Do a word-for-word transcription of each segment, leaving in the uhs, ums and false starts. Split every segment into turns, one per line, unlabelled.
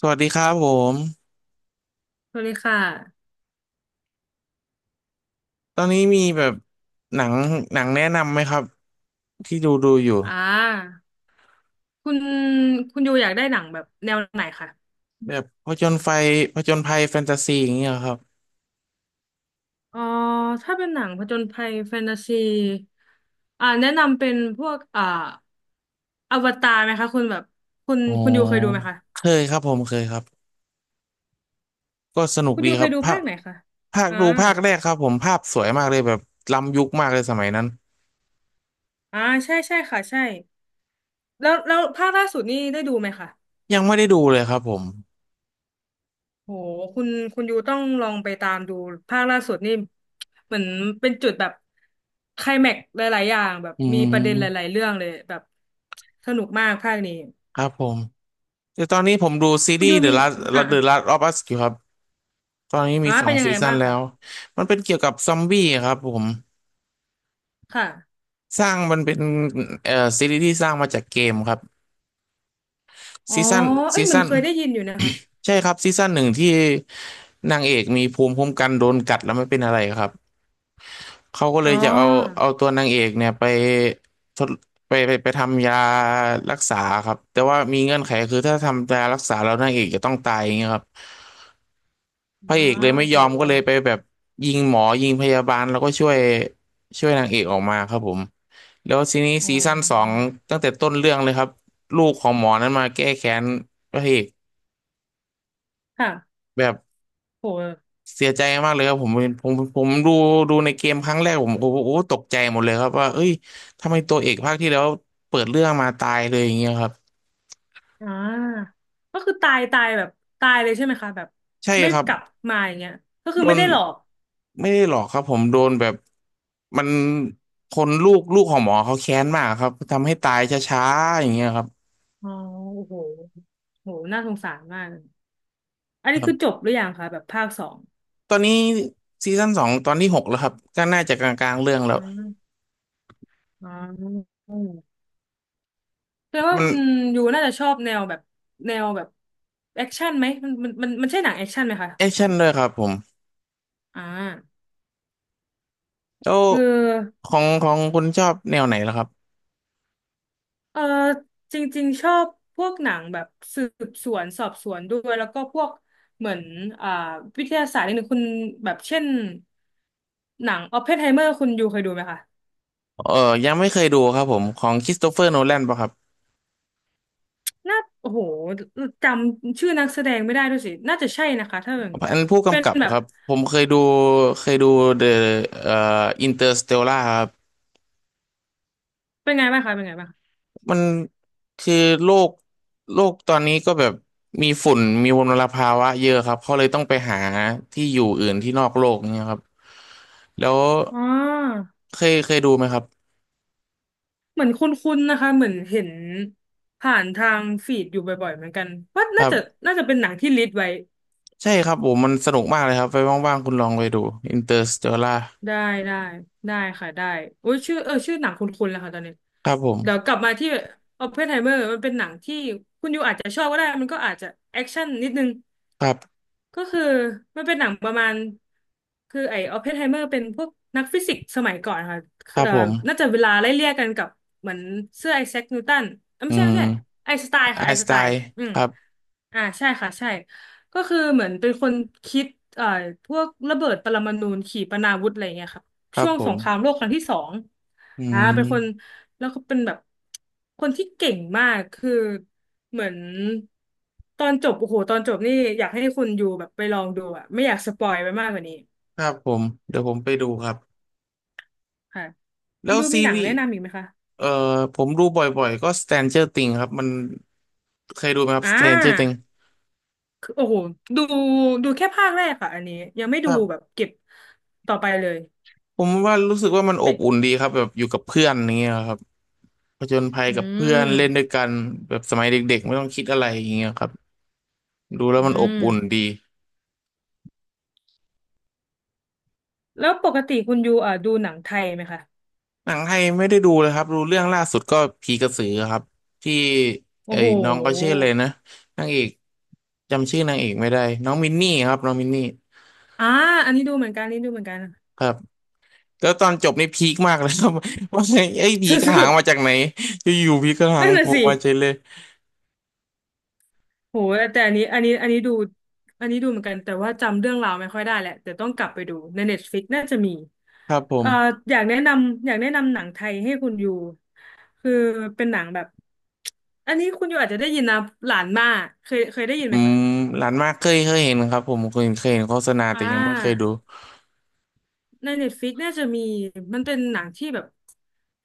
สวัสดีครับผม
สวัสดีค่ะ
ตอนนี้มีแบบหนังหนังแนะนำไหมครับที่ดูดูอยู่
อ่าคุณคุณยูอยากได้หนังแบบแนวไหนคะ
แบบผจญไฟผจญภัยแฟนตาซีอย่างเงี้ยครับ
อ๋อถ้าเป็นหนังผจญภัยแฟนตาซีอ่าแนะนำเป็นพวกอ่าอวตารไหมคะคุณแบบคุณ
อ๋อ
คุณยูเคยดูไหมคะ
เคยครับผมเคยครับก็สนุก
คุณ
ดี
ยู
ค
เค
รับ
ยดู
ภา
ภา
ค
คไหนคะ
ภาค
อ่า
ดูภาคแรกครับผมภาพสวยมากเลยแบบล้ำยุคมากเลยสมัยนั้น
อ่าใช่ใช่ค่ะ ใช่ แล้วแล้วภาคล่าสุดนี่ได้ดูไหมคะ
ยังไม่ได้ดูเลยครับผม
โหคุณคุณยูต้องลองไปตามดูภาคล่าสุดนี่เหมือนเป็นจุดแบบไคลแม็กซ์หลายๆอย่างแบบ
อื
มีประเด็นหลา
ม
ยๆเรื่องเลยแบบสนุกมากภาคนี้
ครับผมแต่ตอนนี้ผมดูซี
คุณ
รี
ยู
ส์ The
มี
Last
อ่ะอ่ะ
The Last of Us อยู่ครับตอนนี้มี
อ่ะ
สอ
เป็
ง
นยัง
ซี
ไง
ซั่น
บ้าง
แล้
คะ
วมันเป็นเกี่ยวกับซอมบี้ครับผม
ค่ะ
สร้างมันเป็นเอ่อซีรีส์ที่สร้างมาจากเกมครับ
อ๋อ
ซีซั่น
เอ้
ซี
ยเหมัน
ซั่น
เคยได้ยินอยู่นะคะ
ใช่ครับซีซั่นหนึ่งที่นางเอกมีภูมิคุ้มกันโดนกัดแล้วไม่เป็นอะไรครับเขาก็เล
อ๋
ยจะเอา
อ
เอาตัวนางเอกเนี่ยไปทดไปไปไปทำยารักษาครับแต่ว่ามีเงื่อนไขคือถ้าทำยารักษาแล้วนางเอกจะต้องตายอย่างเงี้ยครับ พระเอ
ว้า
กเลย
ว
ไม่ย
โห
อมก็เลยไปแบบยิงหมอยิงพยาบาลแล้วก็ช่วยช่วยนางเอกออกมาครับผมแล้วทีนี้
อื
ซีซั่นสอง
ม
ตั้งแต่ต้นเรื่องเลยครับลูกของหมอนั้นมาแก้แค้นพระเอก
ค่ะ
แบบ
โห
เสียใจมากเลยครับผมผมผมดูดูในเกมครั้งแรกผมโอ้โหตกใจหมดเลยครับว่าเอ้ยทำไมตัวเอกภาคที่แล้วเปิดเรื่องมาตายเลยอย่างเงี้ยครับ
อ่าก็คือตายตายแบบตายเลยใช่ไหมคะแบบ
ใช่
ไม่
ครับ
กลับมาอย่างเงี้ยก็คื
โด
อไม่
น
ได้หลอก
ไม่ได้หรอกครับผมโดนแบบมันคนลูกลูกของหมอเขาแค้นมากครับทำให้ตายช้าๆอย่างเงี้ยครับ
อ๋อโอ้โหโหน่าสงสารมากเลยอันนี้คือจบหรือยังคะแบบภาคสอง
ตอนนี้ซีซั่นสองตอนที่หกแล้วครับก็น่าจะกลางๆเรื่องแล้
อ
ว
่าอ๋อแปลว่า
มัน
คุณยูน่าจะชอบแนวแบบแนวแบบแอคชั่นไหม มันมันมันมันใช่หนังแอคชั่นไหมคะ
แอคชั่นด้วยครับผม
อ่า
แล้ว
คือ
ของของคุณชอบแนวไหนล่ะครับ
เออจริงๆชอบพวกหนังแบบสืบสวนสอบสวนด้วยแล้วก็พวกเหมือนอ่าวิทยาศาสตร์นิดนึงคุณแบบเช่นหนังออปเพนไฮเมอร์คุณยูเคยดูไหมคะ
เออยังไม่เคยดูครับผมของคริสโตเฟอร์โนแลนป่ะครับ
น่าโอ้โหจำชื่อนักแสดงไม่ได้ด้วยสิน่าจะใช่นะคะถ้าแบบนี้
อันผู้
เป็น
กำกับ
แบ
ค
บ
รับผมเคยดูเคยดูเดอะเอ่ออินเตอร์สเตลครับ
เป็นไงบ้างคะเป็นไงบ้างคะ
มันคือโลกโลกตอนนี้ก็แบบมีฝุ่นมีมลภาวะเยอะครับเขาเลยต้องไปหาที่อยู่อื่นที่นอกโลกเนี่ยครับแล้ว
อ๋อ
เคยเคยดูไหมครับ
เหมือนคุ้นๆนะคะเหมือนเห็นผ่านทางฟีดอยู่บ่อยๆเหมือนกันว่า
ค
น่า
รั
จะ
บ
น่าจะเป็นหนังที่ลิสต์ไว้
ใช่ครับผมมันสนุกมากเลยครับไปว่างๆคุณลองไปดู Interstellar
ได้ได้ได้ค่ะได้โอ้ยชื่อเออชื่อหนังคุ้นๆแล้วค่ะตอนนี้
ครับผ
เดี๋ยว
ม
กลับมาที่ Oppenheimer มันเป็นหนังที่คุณยูอาจจะชอบก็ได้มันก็อาจจะแอคชั่นนิดนึง
ครับ
ก็คือมันเป็นหนังประมาณคือไอ้ออปเพนไฮเมอร์เป็นพวกนักฟิสิกส์สมัยก่อนค่ะ
ครับ
เอ่อ
ผม
น่าจะเวลาไล่เลี่ยกันกับเหมือนเสื้อไอแซคนิวตันเอ้ย
อื
ไม่ใช่ไม่ใช่
ม
ไอน์สไตน์
ไอ
ค่ะไอ
น์
น์
ส
ส
ไต
ไตน์
น์
อืม
ครับ
อ่าใช่ค่ะใช่ก็คือเหมือนเป็นคนคิดเอ่อพวกระเบิดปรมาณูขีปนาวุธอะไรเงี้ยค่ะ
ครั
ช่
บ
วง
ผ
ส
ม
งครามโลกครั้งที่สอง
อื
อ่า
ม
เป็นคน แล้วก็เป็นแบบคนที่เก่งมากคือเหมือนตอนจบโอ้โหตอนจบนี่อยากให้คุณยูแบบไปลองดูอะไม่อยากสปอยไปมากกว่านี้
ครับผมเดี๋ยวผมไปดูครับ
ค่ะ
แล้
คุณ
ว
ยู
ซี
มีหนัง
รีส์
แนะนำอีกไหมคะ
เอ่อผมดูบ่อยๆก็ Stranger Things ครับมันเคยดูไหมครับ
อ่
Stranger Things
าคือโอ้โหดูดูแค่ภาคแรกค่ะอันนี้ยังไม่
ค
ดู
รั
แบบ
บ
เก็บต่อไปเลย
ผมว่ารู้สึกว่ามันอบ
เป
อุ่นดีครับแบบอยู่กับเพื่อนอย่างเงี้ยครับผจญภัย
อื
กับเพื่อนเล่นด้วย
ม
กันแบบสมัยเด็กๆไม่ต้องคิดอะไรอย่างเงี้ยครับดูแล้
อื
วมันอบ
ม
อุ่นดี
แล้วปกติคุณยูอ่ะดูหนังไทยไหมคะ
หนังไทยไม่ได้ดูเลยครับดูเรื่องล่าสุดก็ผีกระสือครับที่
โอ้
ไอ้
โห
น้องก็ชื่อเลยนะนางเอกจำชื่อนางเอกไม่ได้น้องมินนี่ครับน้องมินนี่
อ่าอันนี้ดูเหมือนกันอันนี่ดูเหมือนกัน
ครับแล้วตอนจบนี่พีคมากเลยครับ ว่าไงอ้ผี
ส
กระ
ุ
หัง
ด
มาจากไหนจะอยู่ๆผีกระ
ๆ
หัง
นั่น
โผ
น่ะ
ล่
สิ
มาเฉยเลย
โหแต่อันนี้อันนี้อันนี้ดูอันนี้ดูเหมือนกันแต่ว่าจำเรื่องราวไม่ค่อยได้แหละแต่ต้องกลับไปดูใน Netflix น่าจะมี
ครับผ
เอ่อ
ม
อยากแนะนำอยากแนะนำหนังไทยให้คุณอยู่คือเป็นหนังแบบอันนี้คุณอยู่อาจจะได้ยินนะหลานมาเคยเคยได้ยิน
อื
ไหม
ม
คะ
ร้านมากเคยเคยเห็นครับผมเคยเคยเห็นโฆษณา
อ่
แต่ยังไม่เคยดู
า ในเน็ตฟ i ิกน่าจะมีมันเป็นหนังที่แบบ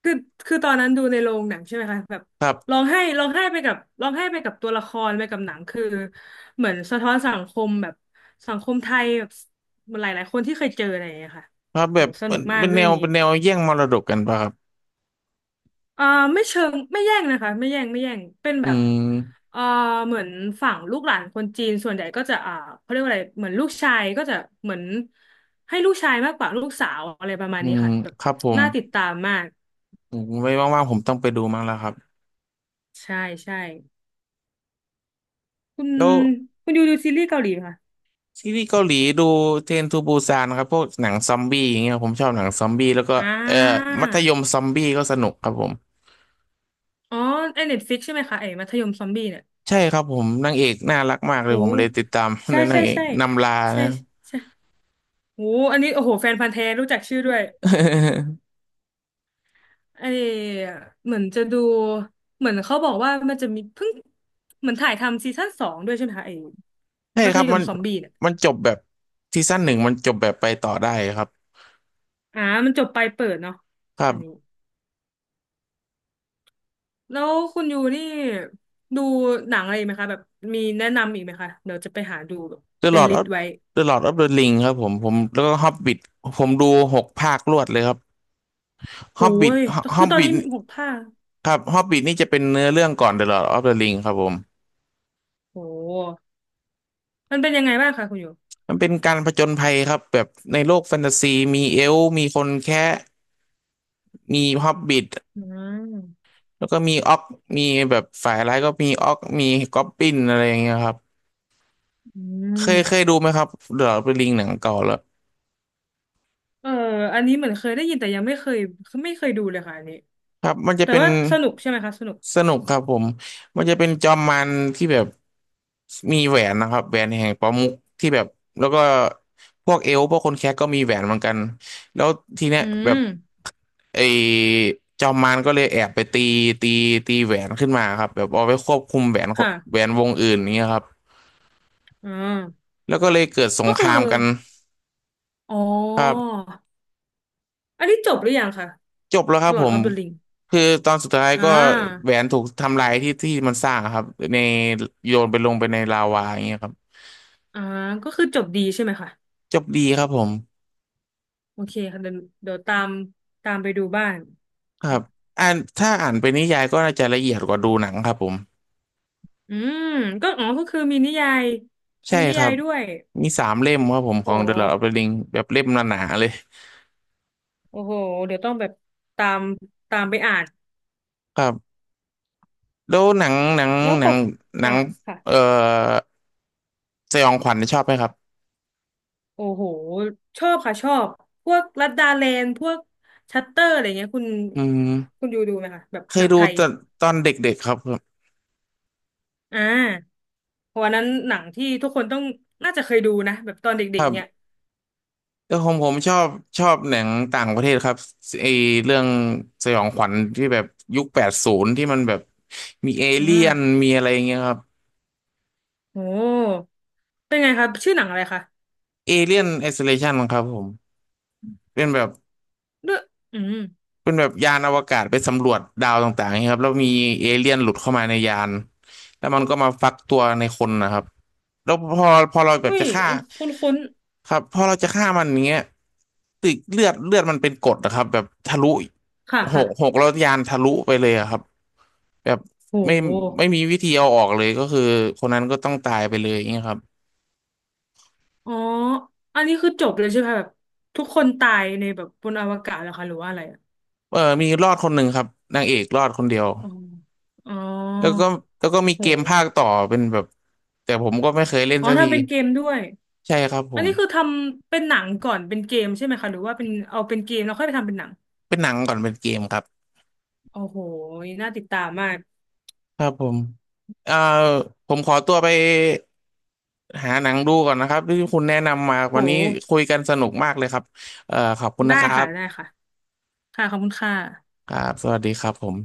คือคือตอนนั้นดูในโรงหนังใช่ไหมคะแบบ
ครั
ร้อ
บ
งไห้ร้องไห้ไปกับร้องไห้ไปกับตัวละครไปกับหนังคือเหมือนสะท้อนสังคมแบบสังคมไทยแบบหลายๆคนที่เคยเจออะไรอย่างเงี้ยค่ะ
ครับแบ
โห
บ
ส
เป็
นุ
น
กมาก
เป็นแน
เรื่อง
ว
นี้
เป็นแนวแย่งมรดกกันป่ะครับ
อ่าไม่เชิงไม่แย่งนะคะไม่แย่งไม่แย่งเป็น
อื
แบบ
ม
เอ่าเหมือนฝั่งลูกหลานคนจีนส่วนใหญ่ก็จะอ่าเขาเรียกว่าอะไรเหมือนลูกชายก็จะเหมือนให้ลูกชายมากกว่าลูกสาวอะไรประมาณ
อื
นี้
ม
ค่ะแบบ
ครับผม
น่าติดตามมาก
ผมไว้ว่างๆผมต้องไปดูมั้งแล้วครับ
ใช่ใช่คุณ
แล้ว
คุณดูดูซีรีส์เกาหลีไหมคะ
ซีรีส์เกาหลีดูเทรนทูบูซานครับพวกหนังซอมบี้อย่างเงี้ยผมชอบหนังซอมบี้แล้วก็
อ่
เอ่อ
า
มัธยมซอมบี้ก็สนุกครับผม
อ๋อไอเน็ตฟิกใช่ไหมคะไอมัธยมซอมบี้เนี่ย
ใช่ครับผมนางเอกน่ารักมากเล
โห
ยผมเลยติดตาม น
ใช่
นา
ใช่
งเอก
ใช่
นำลา
ใช่
นะ
ใช่โหอันนี้โอ้โหแฟนพันธุ์แท้รู้จักชื่อด้วย ไอเหมือนจะดูเหมือนเขาบอกว่ามันจะมีเพิ่งเหมือนถ่ายทำซีซั่นสองด้วยใช่ไหมคะไอ
ใช่
มั
ค
ธ
รับ
ย
มั
ม
น
ซอมบี้เนี่ย
มันจบแบบซีซั่นหนึ่งมันจบแบบไปต่อได้ครับ
อ่ามันจบไปเปิดเนาะ
ครั
อั
บ
นนี้แล้วคุณยูนี่ดูหนังอะไรไหมคะแบบมีแนะนำอีกไหมคะเดี๋ยวจะไปหาดูแบบ
The
เป็น
Lord
ลิสต์
of
ไว้
The Lord of the Ring ครับผมผมแล้วก็ Hobbit ผมดูหกภาครวดเลยครับ
โอ้ย
Hobbit
คือตอนนี้
Hobbit
หกภาค
ครับ Hobbit นี่จะเป็นเนื้อเรื่องก่อน The Lord of the Ring ครับผม
โอ้มันเป็นยังไงบ้างคะคุณยู
มันเป็นการผจญภัยครับแบบในโลกแฟนตาซีมีเอลฟ์มีคนแค้มีฮอบบิ t
อืม
แล้วก็มีออกมีแบบฝ่ายร้ายก็มีออกมีก๊อบบินอะไรอย่างเงี้ยครับ
อื
เคยเคยดู
ม
ไหมครับ The Lord of the Ring หนังเก่าแล้ว
เอออันนี้เหมือนเคยได้ยินแต่ยังไม่เคยไม่เคยดูเลยค่ะอันนี้
ครับมันจะ
แต่
เป็น
ว่าสนุกใช่ไหมคะสนุก
สนุกครับผมมันจะเป็นจอมมันที่แบบมีแหวนนะครับแหวนแห่งประมุขที่แบบแล้วก็พวกเอลฟ์พวกคนแคระก็มีแหวนเหมือนกันแล้วทีเนี้ย
อื
แบบ
ม
ไอ้จอมมันก็เลยแอบไปตีตีตีแหวนขึ้นมาครับแบบเอาไปควบคุมแหวนคนแหว
ค่ะ
นวงอื่นอย่างเงี้ยครับ
อ่า
แล้วก็เลยเกิดสง
ก็
ค
คือ
รามกัน
อ๋
ครั
อ
บ
อันนี้จบหรือยังคะ
จบแล้วครับผ
Lord
ม
of the Ring
คือตอนสุดท้าย
อ่
ก็แห
า
วนถูกทำลายที่ที่มันสร้างครับในโยนไปลงไปในลาวาอย่างเงี้ยครับ
อ่าก็คือจบดีใช่ไหมคะ
จบดีครับผม
โอเคค่ะเดี๋ยวเดี๋ยวตามตามไปดูบ้าง
ครับอ่านถ้าอ่านเป็นนิยายก็น่าจะละเอียดกว่าดูหนังครับผม
อืมก็อ๋อก็คือมีนิยาย
ใช่
มีนิ
ครั
ยาย
บ
ด้วย
มีสามเล่มครับผมข
โอ้
อง The Lord of the
โห
Ring แบบเล่มหนาๆเลย
โอ้โหเดี๋ยวต้องแบบตามตามไปอ่าน
ครับแล้วหนังหนัง
แล้ว
ห
ป
นัง
ก
หนั
อ่า
ง
ค่ะ
เอ่อสยองขวัญชอบไหมครับ
โอ้โหชอบค่ะชอบพวกลัดดาแลนด์พวกชัตเตอร์อะไรเงี้ยคุณ
อืม
คุณดูดูไหมคะแบบ
เค
ห
ย
นัง
ดู
ไทย
ตอนตอนเด็กๆครับครับ
อ่าเพราะวันนั้นหนังที่ทุกคนต้องน่าจะเคยดูนะแบบตอนเด็กๆเนี่ย
แต่ผมผมชอบชอบหนังต่างประเทศครับไอเรื่องสยองขวัญที่แบบยุคแปดศูนย์ที่มันแบบมีเอ
อ่
เลี่ยน
า
มีอะไรอย่างเงี้ยครับ
โอ้เป็นไงคะชื่อหนังอะไรคะ
เอเลี่ยนไอโซเลชันครับผมเป็นแบบ
ด้วยอืม
เป็นแบบยานอวกาศไปสำรวจดาวต่างๆครับแล้วมีเอเลี่ยนหลุดเข้ามาในยานแล้วมันก็มาฟักตัวในคนนะครับแล้วพอพอเราแบบ
อุ้
จะ
ย
ฆ่า
อันคุ้น
ครับพอเราจะฆ่ามันอย่างเงี้ยตึกเลือดเลือดมันเป็นกรดนะครับแบบทะลุ
ๆค่ะ
ห
ค่ะ
กหกแล้วยานทะลุไปเลยอะครับแบบ
โ
ไม่
ห
ไม่มีวิธีเอาออกเลยก็คือคนนั้นก็ต้องตายไปเลยอย่างเงี้ยครับ
อ๋ออันนี้คือจบเลยใช่ไหมคะแบบทุกคนตายในแบบบนอวกาศแล้วคะหรือว่าอะไรอะ
เออมีรอดคนหนึ่งครับนางเอกรอดคนเดียว
อ๋ออ๋อ
แล้วก็แล้วก็มีเกม
โห
ภาคต่อเป็นแบบแต่ผมก็ไม่เคยเล่น
อ๋อ
สักที
ทำเป็นเกมด้วย
ใช่ครับผ
อัน
ม
นี้คือทำเป็นหนังก่อนเป็นเกมใช่ไหมคะหรือว่าเป็นเอาเป็นเกมแล้วค่อยไปทำเป็นหนัง
เป็นหนังก่อนเป็นเกมครับ
โอ้โหน่าติดตามมาก
ครับผมเอ่อผมขอตัวไปหาหนังดูก่อนนะครับที่คุณแนะนำมาวันนี้
โห
คุยกันสนุกมากเลยครับเอ่อขอบคุณ
ได้
นะครั
ค่ะ
บ
ได้ค่ะค่ะขอบคุณค่ะ
ครับสวัสดีครับผม